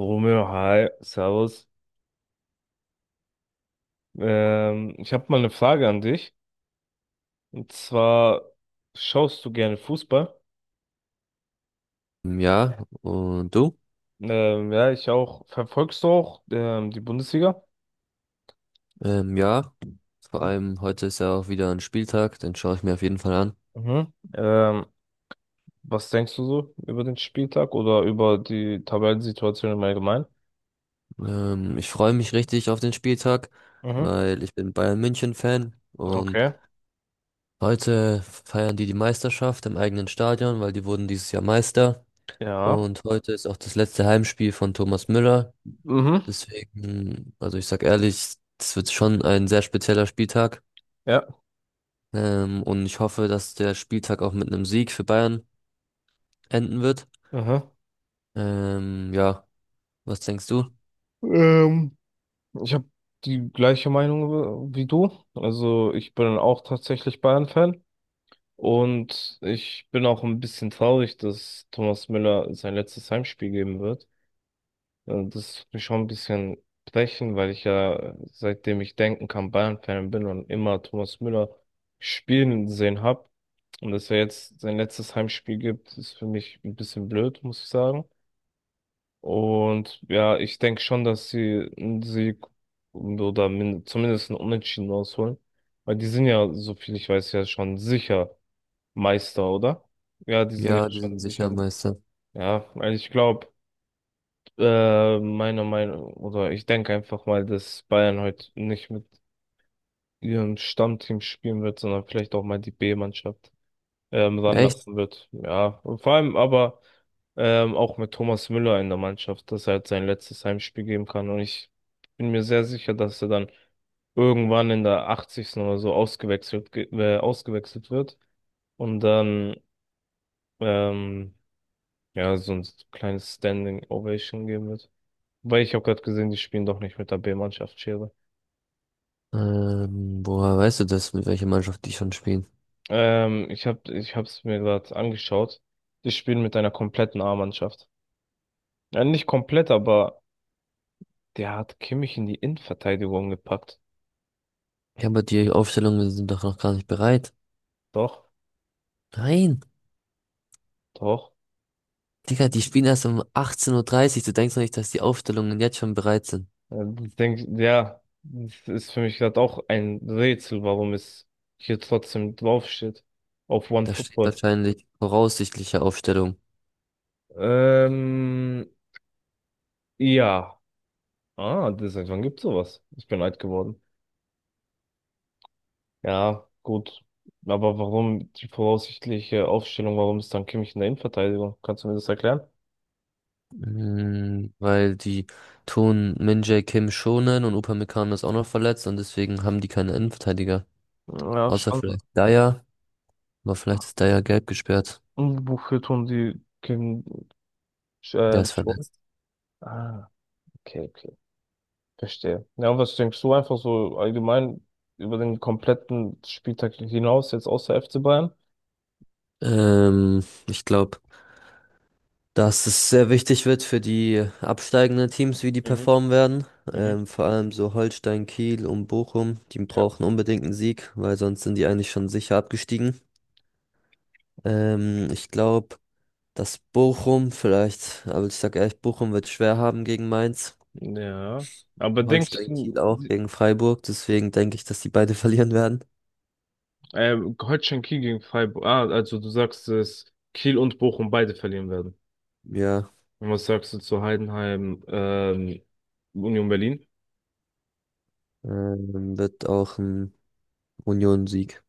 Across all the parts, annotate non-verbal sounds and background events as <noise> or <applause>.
Romeo, hi, servus. Ich habe mal eine Frage an dich. Und zwar, schaust du gerne Fußball? Ja, und du? Ja, ich auch. Verfolgst du auch die Bundesliga? Ja, vor allem heute ist ja auch wieder ein Spieltag, den schaue ich mir auf jeden Fall an. Mhm. Was denkst du so über den Spieltag oder über die Tabellensituation im Allgemeinen? Ich freue mich richtig auf den Spieltag, Mhm. weil ich bin Bayern München-Fan und Okay. heute feiern die Meisterschaft im eigenen Stadion, weil die wurden dieses Jahr Meister. Ja. Und heute ist auch das letzte Heimspiel von Thomas Müller. Mhm. Deswegen, also ich sag ehrlich, es wird schon ein sehr spezieller Spieltag. Ja. Und ich hoffe, dass der Spieltag auch mit einem Sieg für Bayern enden wird. Mhm. Ja, was denkst du? Ähm, ich habe die gleiche Meinung wie du. Also ich bin auch tatsächlich Bayern-Fan. Und ich bin auch ein bisschen traurig, dass Thomas Müller sein letztes Heimspiel geben wird. Das tut mich schon ein bisschen brechen, weil ich ja, seitdem ich denken kann, Bayern-Fan bin und immer Thomas Müller spielen sehen habe. Und dass er jetzt sein letztes Heimspiel gibt, ist für mich ein bisschen blöd, muss ich sagen. Und ja, ich denke schon, dass sie einen Sieg oder zumindest einen Unentschieden rausholen. Weil die sind ja, so viel ich weiß, ja schon sicher Meister, oder? Ja, die sind ja Ja, mhm, die schon sind sicher sicher. Meister. Ja, also ich glaube, meiner Meinung, oder ich denke einfach mal, dass Bayern heute nicht mit ihrem Stammteam spielen wird, sondern vielleicht auch mal die B-Mannschaft Echt? ranlassen wird. Ja, und vor allem aber auch mit Thomas Müller in der Mannschaft, dass er halt sein letztes Heimspiel geben kann. Und ich bin mir sehr sicher, dass er dann irgendwann in der 80. oder so ausgewechselt, ausgewechselt wird. Und dann ähm, Ja, so ein kleines Standing Ovation geben wird. Weil ich habe gerade gesehen, die spielen doch nicht mit der B-Mannschaft Schere. Woher weißt du das, mit welcher Mannschaft die schon spielen? Ich hab's mir gerade angeschaut. Die spielen mit einer kompletten A-Mannschaft. Ja, nicht komplett, aber der hat Kimmich in die Innenverteidigung gepackt. Ja, aber die Aufstellungen sind doch noch gar nicht bereit. Doch, Nein, doch. Digga, die spielen erst um 18:30 Uhr. Dreißig. Du denkst doch nicht, dass die Aufstellungen jetzt schon bereit sind. Ich denke ja, das ist für mich gerade auch ein Rätsel, warum es hier trotzdem draufsteht. Auf Da steht OneFootball. wahrscheinlich voraussichtliche Aufstellung. Ähm, ja. Ah, das, seit wann gibt's sowas? Ich bin alt geworden. Ja, gut. Aber warum die voraussichtliche Aufstellung, warum ist dann Kimmich in der Innenverteidigung? Kannst du mir das erklären? Mhm, weil die tun Min-Jae Kim schonen und Upamecano ist auch noch verletzt und deswegen haben die keine Innenverteidiger. Ja, Außer schon. vielleicht Dyer, aber vielleicht ist Dyer gelb gesperrt. Und wofür tun die Kim Der ist schon? verletzt. Ah, okay, okay. Verstehe. Ja, und was denkst du einfach so allgemein über den kompletten Spieltag hinaus, jetzt außer FC Bayern? Ähm, Ich glaube, dass es sehr wichtig wird für die absteigenden Teams, wie die Mhm. performen werden. Mhm. Vor allem so Holstein, Kiel und Bochum, die Ja. brauchen unbedingt einen Sieg, weil sonst sind die eigentlich schon sicher abgestiegen. Ich glaube, dass Bochum vielleicht, aber ich sag ehrlich, Bochum wird schwer haben gegen Mainz. Ja. Aber denkst Holstein, Kiel du, auch gegen Freiburg. Deswegen denke ich, dass die beide <laughs> verlieren werden. Holstein Kiel gegen Freiburg, ah, also du sagst, dass Kiel und Bochum beide verlieren werden. Ja, Und was sagst du zu Heidenheim, Union Berlin? Wird auch ein Union-Sieg,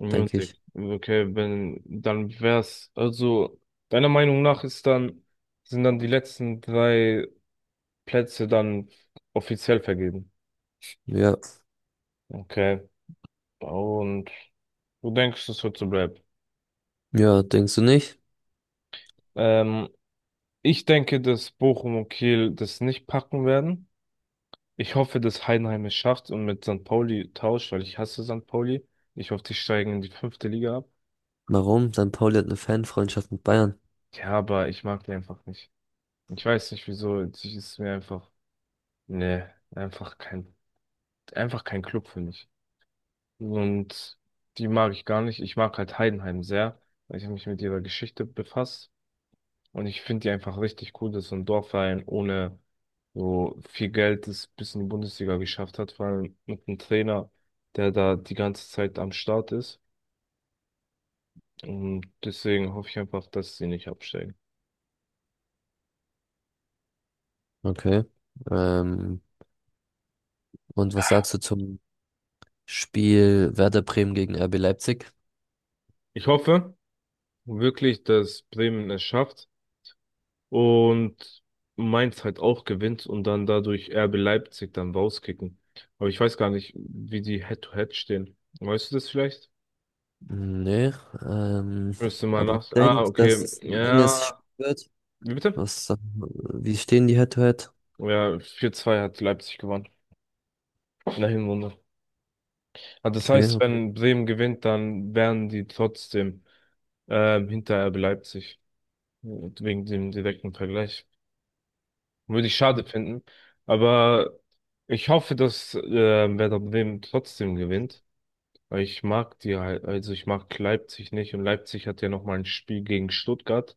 Union denke Sieg. ich. Okay, wenn, dann wär's, also, deiner Meinung nach ist dann, sind dann die letzten drei Plätze dann offiziell vergeben. Ja, Okay. Und du denkst, das wird so bleiben. ja, denkst du nicht? Ähm, ich denke, dass Bochum und Kiel das nicht packen werden. Ich hoffe, dass Heidenheim es schafft und mit St. Pauli tauscht, weil ich hasse St. Pauli. Ich hoffe, die steigen in die fünfte Liga ab. Warum? St. Pauli hat eine Fanfreundschaft mit Bayern. Ja, aber ich mag die einfach nicht. Ich weiß nicht wieso, es ist mir einfach, ne, einfach kein Club für mich. Und die mag ich gar nicht. Ich mag halt Heidenheim sehr, weil ich habe mich mit ihrer Geschichte befasst. Und ich finde die einfach richtig cool, dass so ein Dorfverein ohne so viel Geld es bis in die Bundesliga geschafft hat, vor allem mit einem Trainer, der da die ganze Zeit am Start ist. Und deswegen hoffe ich einfach, dass sie nicht absteigen. Okay. Ähm, und was sagst du zum Spiel Werder Bremen gegen RB Leipzig? Ich hoffe wirklich, dass Bremen es schafft und Mainz halt auch gewinnt und dann dadurch RB Leipzig dann rauskicken. Aber ich weiß gar nicht, wie die Head-to-Head stehen. Weißt du das vielleicht? Nee, ähm, Ich müsste mal aber ich nach. Ah, denke, dass okay. es ein enges Ja. Spiel wird. Wie bitte? Was, wie stehen die Head-to-Head? Ja, 4-2 hat Leipzig gewonnen. In der Hinrunde. Ah, das Okay, heißt, okay. wenn Bremen gewinnt, dann wären die trotzdem hinter RB Leipzig. Und wegen dem direkten Vergleich. Würde ich schade finden. Aber ich hoffe, dass Werder Bremen trotzdem gewinnt. Weil ich mag die halt, also ich mag Leipzig nicht und Leipzig hat ja nochmal ein Spiel gegen Stuttgart.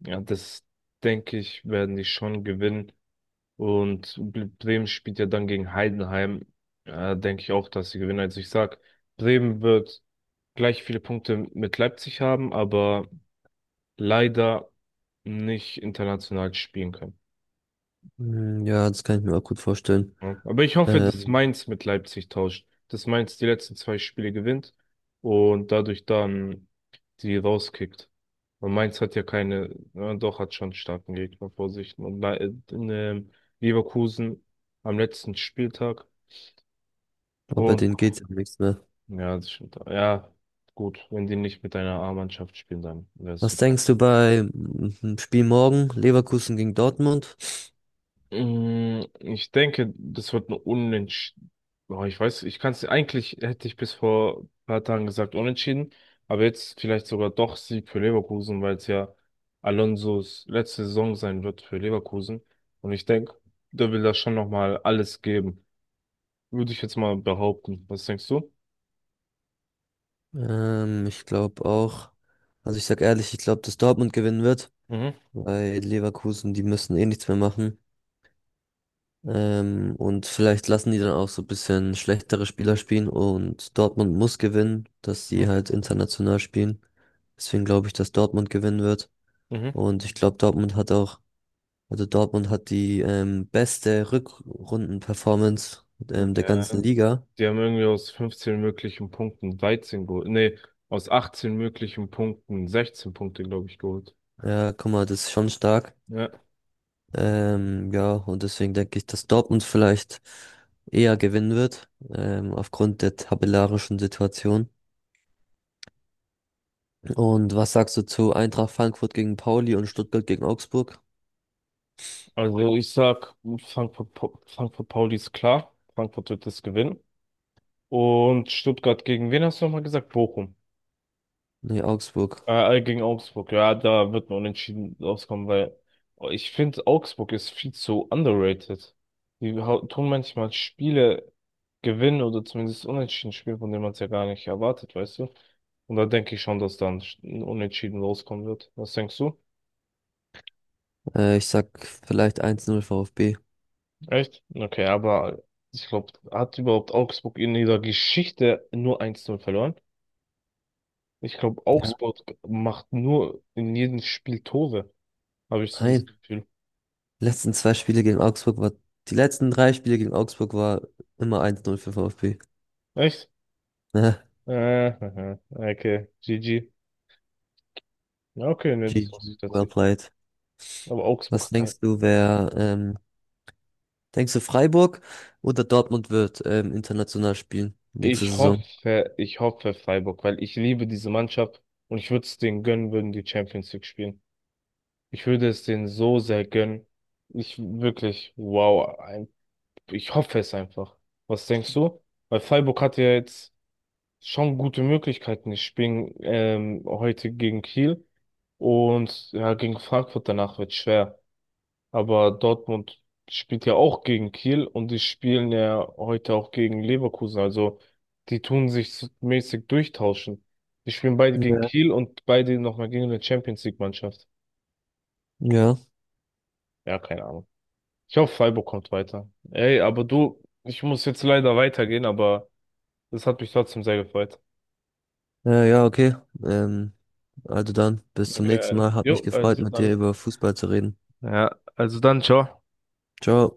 Ja, das denke ich, werden die schon gewinnen. Und Bremen spielt ja dann gegen Heidenheim. Ja, denke ich auch, dass sie gewinnen. Also ich sag, Bremen wird gleich viele Punkte mit Leipzig haben, aber leider nicht international spielen können. Hm, ja, das kann ich mir auch gut vorstellen. Ja. Aber ich hoffe, dass Ähm, Mainz mit Leipzig tauscht, dass Mainz die letzten zwei Spiele gewinnt und dadurch dann die rauskickt. Und Mainz hat ja keine, ja, doch hat schon starken Gegner vor sich. Und äh, Leverkusen am letzten Spieltag. aber Und denen geht's ja um nichts mehr. ja, das stimmt. Ja, gut, wenn die nicht mit einer A-Mannschaft spielen, dann wäre es Was super. denkst du bei dem Spiel morgen? Leverkusen gegen Dortmund? Ich denke, das wird ein Unentschieden. Oh, ich weiß, ich kann es eigentlich, hätte ich bis vor ein paar Tagen gesagt, unentschieden, aber jetzt vielleicht sogar doch Sieg für Leverkusen, weil es ja Alonsos letzte Saison sein wird für Leverkusen. Und ich denke, der will da schon nochmal alles geben. Würde ich jetzt mal behaupten. Was denkst du? Ich glaube auch, also ich sag ehrlich, ich glaube, dass Dortmund gewinnen wird, Mhm, weil Leverkusen, die müssen eh nichts mehr machen. Und vielleicht lassen die dann auch so ein bisschen schlechtere Spieler spielen und Dortmund muss gewinnen, dass mhm, sie halt international spielen. Deswegen glaube ich, dass Dortmund gewinnen wird. mhm. Und ich glaube, Dortmund hat auch, also Dortmund hat die beste Rückrunden-Performance der Ja, ganzen Liga. die haben irgendwie aus 15 möglichen Punkten 13 geholt. Nee, aus 18 möglichen Punkten 16 Punkte, glaube ich, geholt. Ja, guck mal, das ist schon stark. Ja. Ja, und deswegen denke ich, dass Dortmund vielleicht eher gewinnen wird, aufgrund der tabellarischen Situation. Und was sagst du zu Eintracht Frankfurt gegen Pauli und Stuttgart gegen Augsburg? Also ich sag, Frankfurt Pauli ist klar. Frankfurt wird das gewinnen. Und Stuttgart gegen wen hast du nochmal gesagt? Bochum. Nee, Augsburg. Gegen Augsburg. Ja, da wird ein Unentschieden rauskommen, weil ich finde, Augsburg ist viel zu underrated. Die tun manchmal Spiele gewinnen oder zumindest Unentschieden spielen, von denen man es ja gar nicht erwartet, weißt du? Und da denke ich schon, dass dann ein Unentschieden rauskommen wird. Was denkst du? Ich sag vielleicht 1:0 VfB. Echt? Okay, aber ich glaube, hat überhaupt Augsburg in ihrer Geschichte nur eins 0 verloren? Ich glaube, Ja. Augsburg macht nur in jedem Spiel Tore, habe ich so das Nein, Gefühl. die letzten zwei Spiele gegen Augsburg war, die letzten drei Spiele gegen Augsburg war immer 1:0 für VfB. <laughs> Echt? Ne? Äh, aha, okay, GG. Ja, okay, ne, das war's GG, well tatsächlich. played. Aber Augsburg Was hat halt, denkst du, wer denkst du, Freiburg oder Dortmund wird international spielen nächste ich Saison? hoffe, ich hoffe Freiburg, weil ich liebe diese Mannschaft und ich würde es denen gönnen, würden die Champions League spielen. Ich würde es denen so sehr gönnen. Ich wirklich, wow. Ich hoffe es einfach. Was denkst du? Weil Freiburg hatte ja jetzt schon gute Möglichkeiten. Die spielen heute gegen Kiel und ja, gegen Frankfurt danach wird schwer. Aber Dortmund spielt ja auch gegen Kiel und die spielen ja heute auch gegen Leverkusen. Also die tun sich so mäßig durchtauschen. Die spielen beide gegen Ja. Kiel und beide nochmal gegen eine Champions League Mannschaft. Ja, Ja, keine Ahnung. Ich hoffe, Freiburg kommt weiter. Ey, aber du, ich muss jetzt leider weitergehen, aber das hat mich trotzdem sehr gefreut. ja, ja, okay. Ähm, also dann, bis zum Okay, nächsten also, Mal. Hat mich jo, gefreut, also mit dir dann. über Fußball zu reden. Ja, also dann, ciao. Ciao.